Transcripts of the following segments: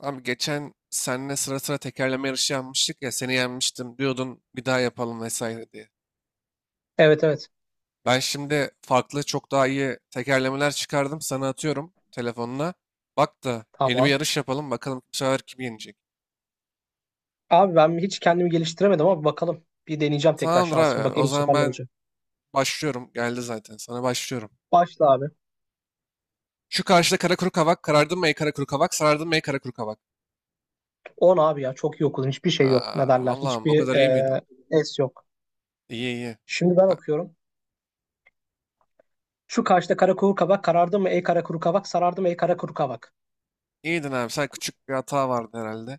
Abi geçen seninle sıra sıra tekerleme yarışı yapmıştık ya, seni yenmiştim diyordun, bir daha yapalım vesaire diye. Evet evet. Ben şimdi farklı, çok daha iyi tekerlemeler çıkardım, sana atıyorum telefonuna. Bak da yeni bir Tamam. yarış yapalım bakalım, bu sefer kim yenecek. Abi ben hiç kendimi geliştiremedim ama bakalım. Bir deneyeceğim tekrar Tamamdır şansımı. abi, o Bakayım bu zaman sefer ne ben olacak. başlıyorum, geldi zaten sana, başlıyorum. Başla abi. Şu karşıda kara kuru kavak, karardın mı ey kara kuru kavak, sarardın mı ey kara kuru kavak. 10 abi ya. Çok iyi okudun. Hiçbir şey yok. Ne Aa, derler? Allah'ım, o Hiçbir kadar iyi miydin? Es yok. İyi iyi. Şimdi ben Ha, okuyorum. Şu karşıda kara kuru kabak karardı mı ey kara kuru kabak sarardı mı ey kara kuru kabak. İyiydin abi, sen küçük bir hata vardı herhalde.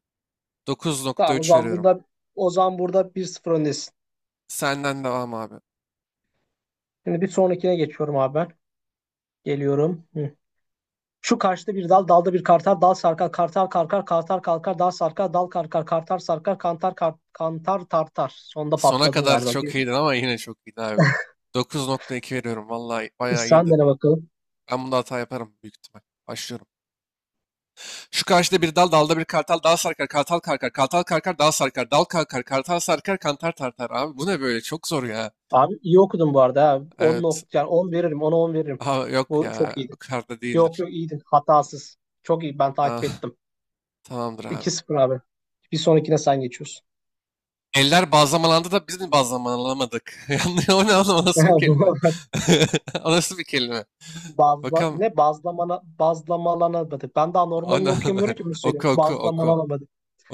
Dokuz nokta Tamam o üç zaman veriyorum. burada bir 0 öndesin. Senden devam abi. Şimdi bir sonrakine geçiyorum abi ben. Geliyorum. Şu karşıda bir dal, dalda bir kartal, dal sarkar, kartal karkar, kartal kalkar, dal sarkar, dal karkar, kartal sarkar, kantar kar, kantar tartar. Sonda Sona patladım kadar galiba. çok Bir iyiydin ama, yine çok iyiydin abi. 9,2 veriyorum. Vallahi bayağı sen iyiydin. dene bakalım. Ben bunda hata yaparım büyük ihtimal. Başlıyorum. Şu karşıda bir dal, dalda bir kartal, dal sarkar, kartal karkar, kartal karkar, dal sarkar, dal kalkar, kartal sarkar, kantar tartar. Abi bu ne böyle? Çok zor ya. Abi iyi okudun bu arada. Ha. 10 Evet. nokta yani 10 veririm, 10'a 10 veririm. Aha, yok Bu çok ya. O iyiydi. kadar da Yok değildir. yok iyiydin. Hatasız. Çok iyi. Ben takip Ah, ettim. tamamdır abi. 2 sıfır abi. Bir sonrakine sen geçiyorsun. Eller bazlamalandı da biz mi bazlamalamadık? Yanlış, o ne oğlum? O nasıl bir kelime? Bu- O nasıl bir kelime? Bakalım, ne bazlamana bazlamalanamadı. Ben daha normalini Ana, okuyamıyorum ki bunu oku söyleyeyim. oku oku Bazlamalanamadı.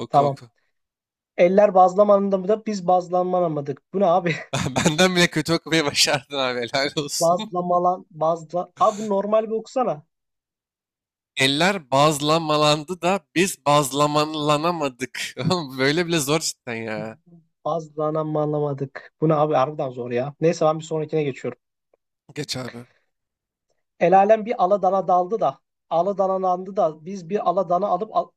oku Tamam. oku. Eller bazlamanında da biz bazlanamadık. Bu ne abi? Benden bile kötü okumayı başardın abi, helal olsun. Abi bu normal bir okusana. Eller bazlamalandı da biz bazlamalanamadık. Oğlum, böyle bile zor cidden ya. Bazlanamadık. Bu ne abi? Harbiden zor ya. Neyse ben bir sonrakine geçiyorum. Geç abi. El alem bir aladana daldı da. Aladanalandı da. Biz bir aladana alıp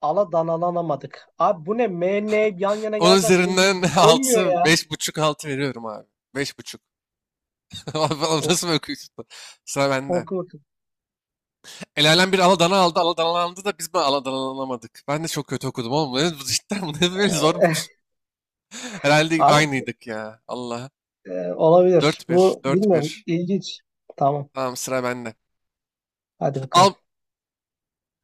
aladanalanamadık. Abi bu ne? M, N yan yana Onun gelsen benim dil üzerinden dönmüyor altı, ya. beş buçuk, 6 veriyorum abi. Beş buçuk. Oğlum, Ok, nasıl okuyorsun? Sıra bende. oku bakayım. El alem bir aladana aldı, aladanalandı da biz mi aladanalanamadık? Ben de çok kötü okudum oğlum. Bu, cidden bu ne böyle, zormuş. Herhalde Abi aynıydık ya. Allah. Olabilir. Dört bir, Bu dört bilmiyorum. bir. İlginç. Tamam. Tamam, sıra bende. Hadi bakalım. Al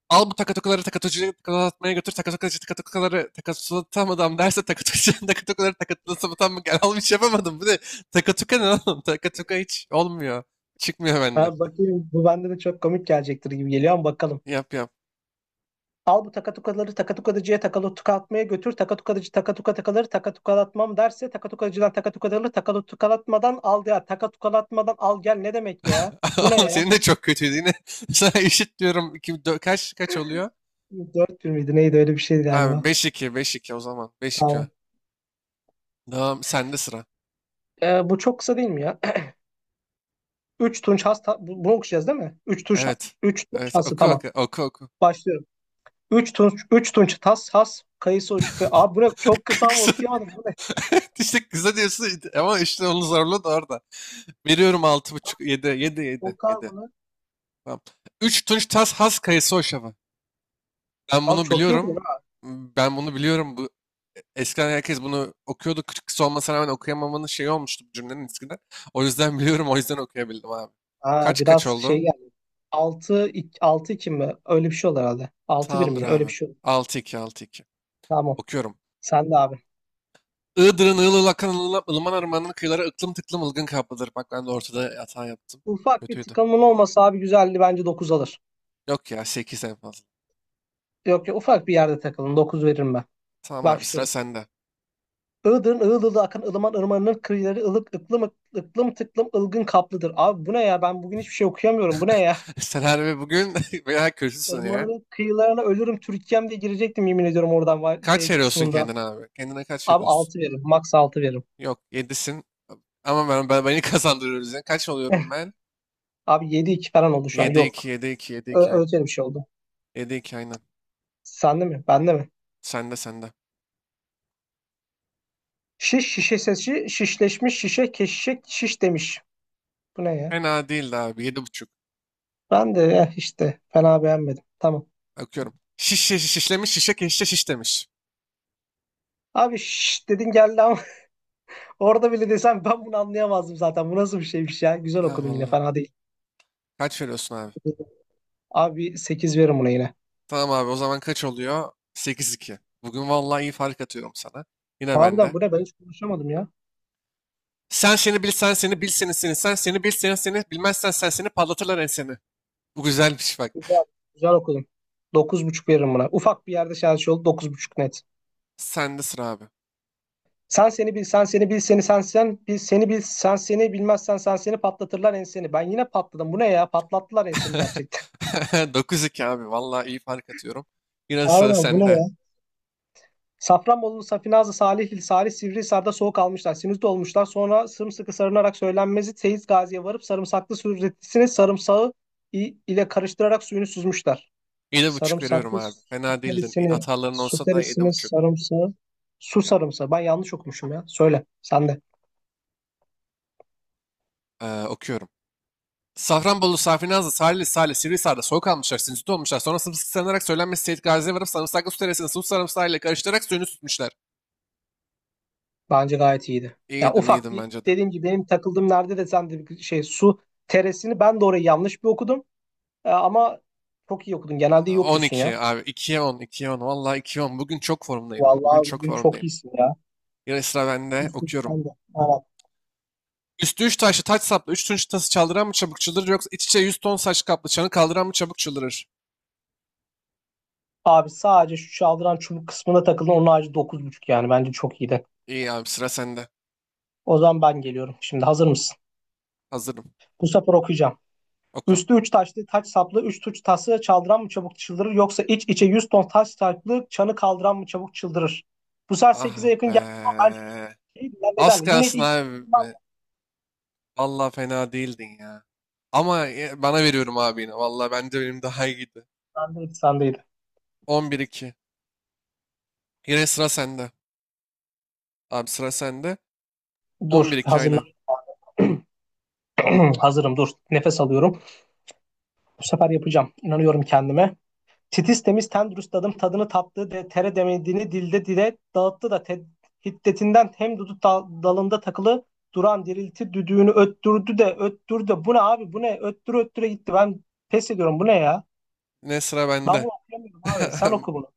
al bu takatokuları takatocuya takatlatmaya götür. Takatokuları takatlatamadım derse takatocuya takatokuları takatlatamadım, gel al, bir şey yapamadım. Bu ne? Takatuka ne oğlum? Takatuka hiç olmuyor. Çıkmıyor benden. Ha, bakayım bu bende de çok komik gelecektir gibi geliyor ama bakalım. Yap yap. Al bu takatukaları takatukadıcıya takalı tukalatmaya götür. Takatukadıcı takatukaları takatukalatmam derse takatukacıdan takatukaları takatukalatmadan al ya. Takatukalatmadan al gel ne demek ya? Bu ne Oğlum, ya? senin de çok kötüydü yine. Sana eşit diyorum. İki, kaç kaç oluyor? Dört 1 miydi neydi öyle bir şeydi Abi galiba. 5-2, 5-2 o zaman. 5-2. Tamam. Tamam, sende sıra. Bu çok kısa değil mi ya? 3 tunç hasta bunu okuyacağız değil mi? 3 tunç Evet. 3 tunç Evet, hasta oku tamam. oku oku oku. Başlıyorum. 3 tunç üç tunç tas has kayısı o şüphe. Abi bu ne? Çok kısa ama Kısa- okuyamadım. Bu ne? İşte kısa diyorsun ama, işte onun zorluğu da orada. Veriyorum altı buçuk, yedi, yedi, yedi, Oku abi yedi. bunu. Tamam. Üç Tunç Tas Has Kayısı Hoşafı. Ben Abi bunu çok iyi okudun. biliyorum. Ben bunu biliyorum. Bu, eskiden herkes bunu okuyordu. Kırkısı olmasına rağmen okuyamamanın şeyi olmuştu bu cümlenin eskiden. O yüzden biliyorum. O yüzden okuyabildim abi. Aa, Kaç kaç biraz oldu? şey geldi. 6 6 2 mi? Öyle bir şey olur herhalde. Altı bir Tamamdır miydi? Öyle bir abi. şey olur. 6-2, 6-2. Tamam. Okuyorum. Sen de abi. Iğdır'ın ığıl ığıl akan ılıman ırmanın kıyıları ıklım tıklım ılgın kaplıdır. Bak, ben de ortada hata yaptım. Ufak bir Kötüydü. takılımın olmasa abi güzeldi bence 9 alır. Yok ya, 8 en fazla. Yok ya ufak bir yerde takılın. 9 veririm ben. Tamam abi, sıra Başlıyorum. sende. Iğdır'ın ığıl ığıl akan ılıman ırmanının kıyıları ılık ıklım ıklım tıklım ılgın kaplıdır. Abi bu ne ya? Ben bugün hiçbir şey okuyamıyorum. Bu ne ya? Sen harbi bugün bayağı kötüsün ya. Irmanın kıyılarına ölürüm Türkiye'm diye girecektim yemin ediyorum oradan Kaç şey veriyorsun kısmında. kendine abi? Kendine kaç Abi veriyorsun? 6 veririm. Max 6 veririm. Yok, yedisin. Ama ben beni kazandırıyoruz ya. Kaç oluyorum ben? Abi yedi iki falan oldu şu an. Yedi iki, Yok. 7 iki, 7 2 aynen. Öyle bir şey oldu. 7-2 aynen. Sende mi? Bende mi? Sende, sende. Şiş şişesi şişleşmiş şişe keşişe şiş demiş. Bu ne ya? Fena değildi abi. Yedi buçuk. Ben de eh işte fena beğenmedim. Tamam. Bakıyorum. Şiş şiş şişlemiş şişe keşişe şiş demiş. Abi şiş dedin geldi ama orada bile desem ben bunu anlayamazdım zaten. Bu nasıl bir şeymiş ya? Güzel Ha okudun yine vallahi. fena değil. Kaç veriyorsun abi? Abi 8 veririm buna yine. Tamam abi, o zaman kaç oluyor? Sekiz iki. Bugün vallahi iyi fark atıyorum sana. Yine bende. Harbiden bu ne? Ben hiç konuşamadım ya. Sen seni bil, sen seni bil, seni seni, sen seni bil, seni seni bilmezsen sen seni patlatırlar enseni. Bu güzelmiş bak. Güzel. Güzel okudum. Dokuz buçuk veririm buna. Ufak bir yerde şarj oldu. Dokuz buçuk net. Sende sıra abi. Sen seni bil, sen seni bil, seni sen sen bil, seni bil, sen seni bilmezsen sen seni patlatırlar enseni. Ben yine patladım. Bu ne ya? Patlattılar ensemi gerçekten. Dokuz iki abi. Vallahi iyi fark atıyorum. Yine sıra Harbiden bu ne sende. ya? Safranbolu, Safinazlı, Salihli, Salih, Sivrihisar'da soğuk almışlar. Sinüzde olmuşlar. Sonra sımsıkı sarınarak söylenmezi Seyit Gazi'ye varıp sarımsaklı sürretisini sarımsağı ile karıştırarak suyunu süzmüşler. Yedi buçuk veriyorum Sarımsaklı abi. Fena değildin. süterisini, Hataların olsa da süterisini 7,5. sarımsağı, su sarımsağı. Ben yanlış okumuşum ya. Söyle sen de. Okuyorum. Safranbolu, Safinazlı, Salihli, Salih, Sivrihisar'da soğuk almışlar, sinüzit olmuşlar. Sonra sımsıkı sarılarak söylenmesi Seyit Gazi'ye varıp sarımsaklı su teresini sıvı sarımsağı ile karıştırarak suyunu tutmuşlar. Bence gayet iyiydi. Ya İyiydim, ufak iyiydim bir bence de. dediğim gibi benim takıldığım nerede de sen de bir şey su teresini ben de orayı yanlış bir okudum. Ama çok iyi okudun. Genelde iyi On okuyorsun ya. iki abi. 2'ye 10, ikiye 10. Vallahi ikiye 10. Bugün çok formdayım. Bugün Vallahi çok bugün çok formdayım. iyisin ya. Yine sıra bende. İyisin Okuyorum. sen de. Evet. Üstü üç taşlı taç saplı üç tunç tası çaldıran mı çabuk çıldırır, yoksa iç içe yüz ton saç kaplı çanı kaldıran mı çabuk çıldırır? Abi sadece şu çaldıran çubuk kısmına takıldın. Onun harici dokuz buçuk yani. Bence çok iyiydi. İyi abi, sıra sende. O zaman ben geliyorum. Şimdi hazır mısın? Hazırım. Bu sefer okuyacağım. Oku. Üstü 3 taşlı taç saplı 3 tuç tası çaldıran mı çabuk çıldırır yoksa iç içe 100 ton taş saplı çanı kaldıran mı çabuk çıldırır? Bu sefer sekize Ah yakın be. geldi ama şeydi ya, ne Az derler? Yine de kalsın ihtimalim var abi. Vallahi fena değildin ya. Ama bana veriyorum abi yine. Vallahi bence benim daha iyiydi. ya. Sendeydi, sendeydi. On bir iki. Yine sıra sende. Abi sıra sende. On bir Dur iki aynen. hazırlan. Hazırım dur. Nefes alıyorum. Bu sefer yapacağım. İnanıyorum kendime. Titiz temiz tendrüs dadım tadını tattı de tere demediğini dilde dile dağıttı da hiddetinden hem dudu dalında takılı duran dirilti düdüğünü öttürdü de öttürdü de. Bu ne abi? Bu ne öttüre öttüre gitti? Ben pes ediyorum. Bu ne ya? Yine sıra Ben bende. bunu okuyamıyorum abi, sen oku bunu.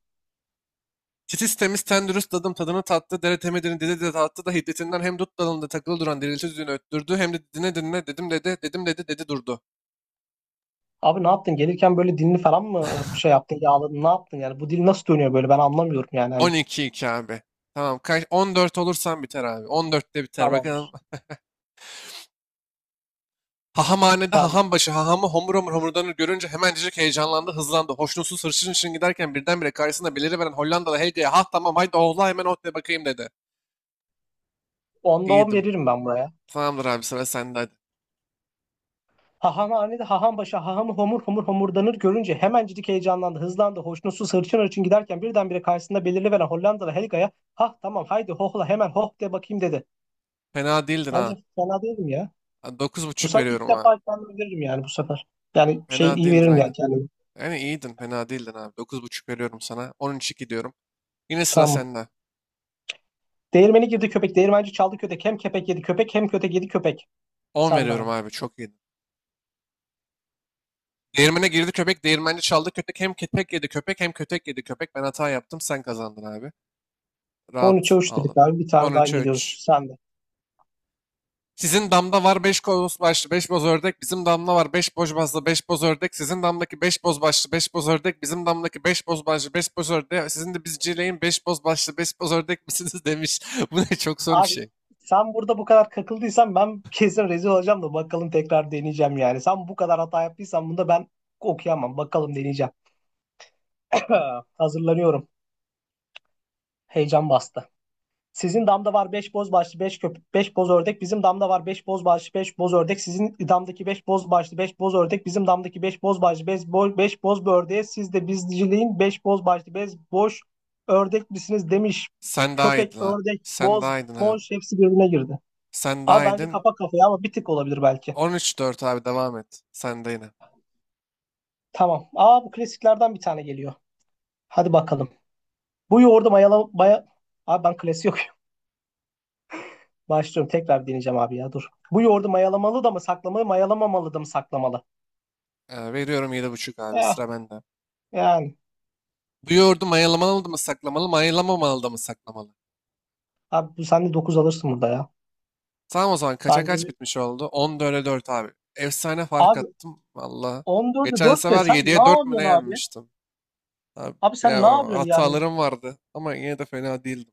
Titiz temiz ten dürüst dadım tadını tattı, dere temedini dedi de tattı da hiddetinden hem dut dalında takılı duran dirilti düğünü öttürdü, hem de dine dinle dedim dedi dedim dedi dedi durdu. Abi ne yaptın gelirken böyle? Dilini falan mı şey yaptın? Yağladın? Ne yaptın yani? Bu dil nasıl dönüyor böyle? Ben anlamıyorum yani, hani. 12 iki iki abi. Tamam, kaç 14 olursan biter abi. 14'te biter bakalım. Tamamdır. Hahamhanede Sen. haham başı hahamı homur homur homurdanır görünce hemencecik heyecanlandı, hızlandı. Hoşnutsuz, hırçın için giderken birdenbire karşısında beliriveren Hollandalı Helga'ya, ha tamam, haydi oğla hemen ot bakayım dedi. 10'da 10 İyiydim. veririm ben buraya. Tamamdır abi, sıra sende hadi. Hahamhanede haham başa hahamı homur homur homurdanır görünce hemencik heyecanlandı, hızlandı, hoşnutsuz hırçın hırçın giderken birdenbire karşısında belirli veren Hollandalı Helga'ya hah tamam haydi hohla hemen hoh de bakayım dedi. Fena değildin Bence ha. fena değilim ya. Dokuz Bu buçuk sefer ilk veriyorum abi. defa kendimi veririm yani bu sefer. Yani şey Fena iyi değildin veririm yani. aynen. Kendimi. Yani iyiydin, fena değildin abi. Dokuz buçuk veriyorum sana. On üç iki diyorum. Yine sıra Tamam. sende. Değirmeni girdi köpek, değirmenci çaldı kötek. Hem köpek yedi köpek hem kötek yedi köpek. On Sen de veriyorum abi. abi, çok iyiydin. Değirmene girdi köpek, değirmenci çaldı köpek. Hem köpek yedi köpek, hem kötek yedi köpek. Ben hata yaptım, sen kazandın abi. 13'e Rahat üç dedik aldın. abi. Bir tane daha 13'e 3. geliyoruz. Sen de. Sizin damda var 5 boz başlı 5 boz ördek. Bizim damda var 5 boz başlı 5 boz ördek. Sizin damdaki 5 boz başlı 5 boz ördek. Bizim damdaki 5 boz başlı 5 boz ördek. Sizin de bizcileyin 5 boz başlı beş boz ördek misiniz demiş. Bu ne, çok zor bir Abi şey. sen burada bu kadar kakıldıysan ben kesin rezil olacağım da bakalım tekrar deneyeceğim yani. Sen bu kadar hata yaptıysan bunda ben okuyamam. Bakalım deneyeceğim. Hazırlanıyorum. Heyecan bastı. Sizin damda var 5 boz başlı 5 köpek 5 boz ördek. Bizim damda var 5 boz başlı 5 boz ördek. Sizin damdaki 5 boz başlı 5 boz ördek. Bizim damdaki beş boz başlı 5 boz, beş boz bir ördeğe siz de bizciliğin 5 boz başlı 5 boş ördek misiniz demiş. Sen daha Köpek, iyiydin ha. ördek, Sen boz, daha iyiydin abi. moş hepsi birbirine girdi. Sen Abi daha bence yedin. kafa kafaya ama bir tık olabilir belki. 13-4 abi, devam et. Sen de yine. Tamam. Aa bu klasiklerden bir tane geliyor. Hadi bakalım. Bu yoğurdu mayalama... Maya... Abi ben klasik yok. Başlıyorum. Tekrar deneyeceğim abi ya dur. Bu yoğurdu mayalamalı da mı saklamalı, mayalamamalı da mı saklamalı? Veriyorum 7,5 abi. Eh, Sıra bende. yani. Bu yoğurdu mayalamalı mı saklamalı, mayalamamalı da mı saklamalı? Abi bu sen de 9 alırsın burada ya. Tamam o zaman, kaça Bence kaç bir... bitmiş oldu? 14'e 4 abi. Efsane fark Abi attım. Valla. 14'e Geçen dört de sefer sen ne 7'ye 4 mü ne yapıyorsun abi? yenmiştim? Abi Abi sen ya, ne o yapıyorsun yani? hatalarım vardı. Ama yine de fena değildim.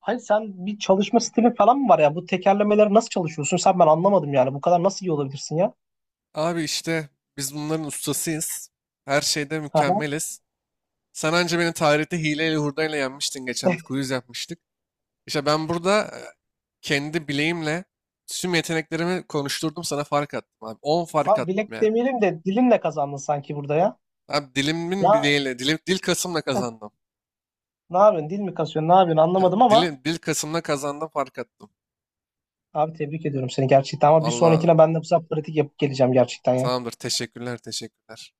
Hani sen bir çalışma stilin falan mı var ya? Bu tekerlemeleri nasıl çalışıyorsun? Sen ben anlamadım yani. Bu kadar nasıl iyi olabilirsin ya? Abi işte, biz bunların ustasıyız. Her şeyde Aha. mükemmeliz. Sen anca beni tarihte hileyle hurdayla yenmiştin, geçen bir quiz yapmıştık. İşte ben burada kendi bileğimle tüm yeteneklerimi konuşturdum, sana fark attım abi. 10 fark Abi attım bilek yani. demeyelim de dilimle kazandın sanki burada ya. Abi dilimin Ya bileğiyle, dilim, dil kasımla eh, kazandım. ne yapıyorsun? Dil mi kasıyorsun? Ne yapıyorsun? Anlamadım ama Dil kasımla kazandım, fark attım. abi tebrik ediyorum seni gerçekten ama bir Valla sonrakine ben de bu sefer pratik yapıp geleceğim gerçekten ya. tamamdır, teşekkürler teşekkürler.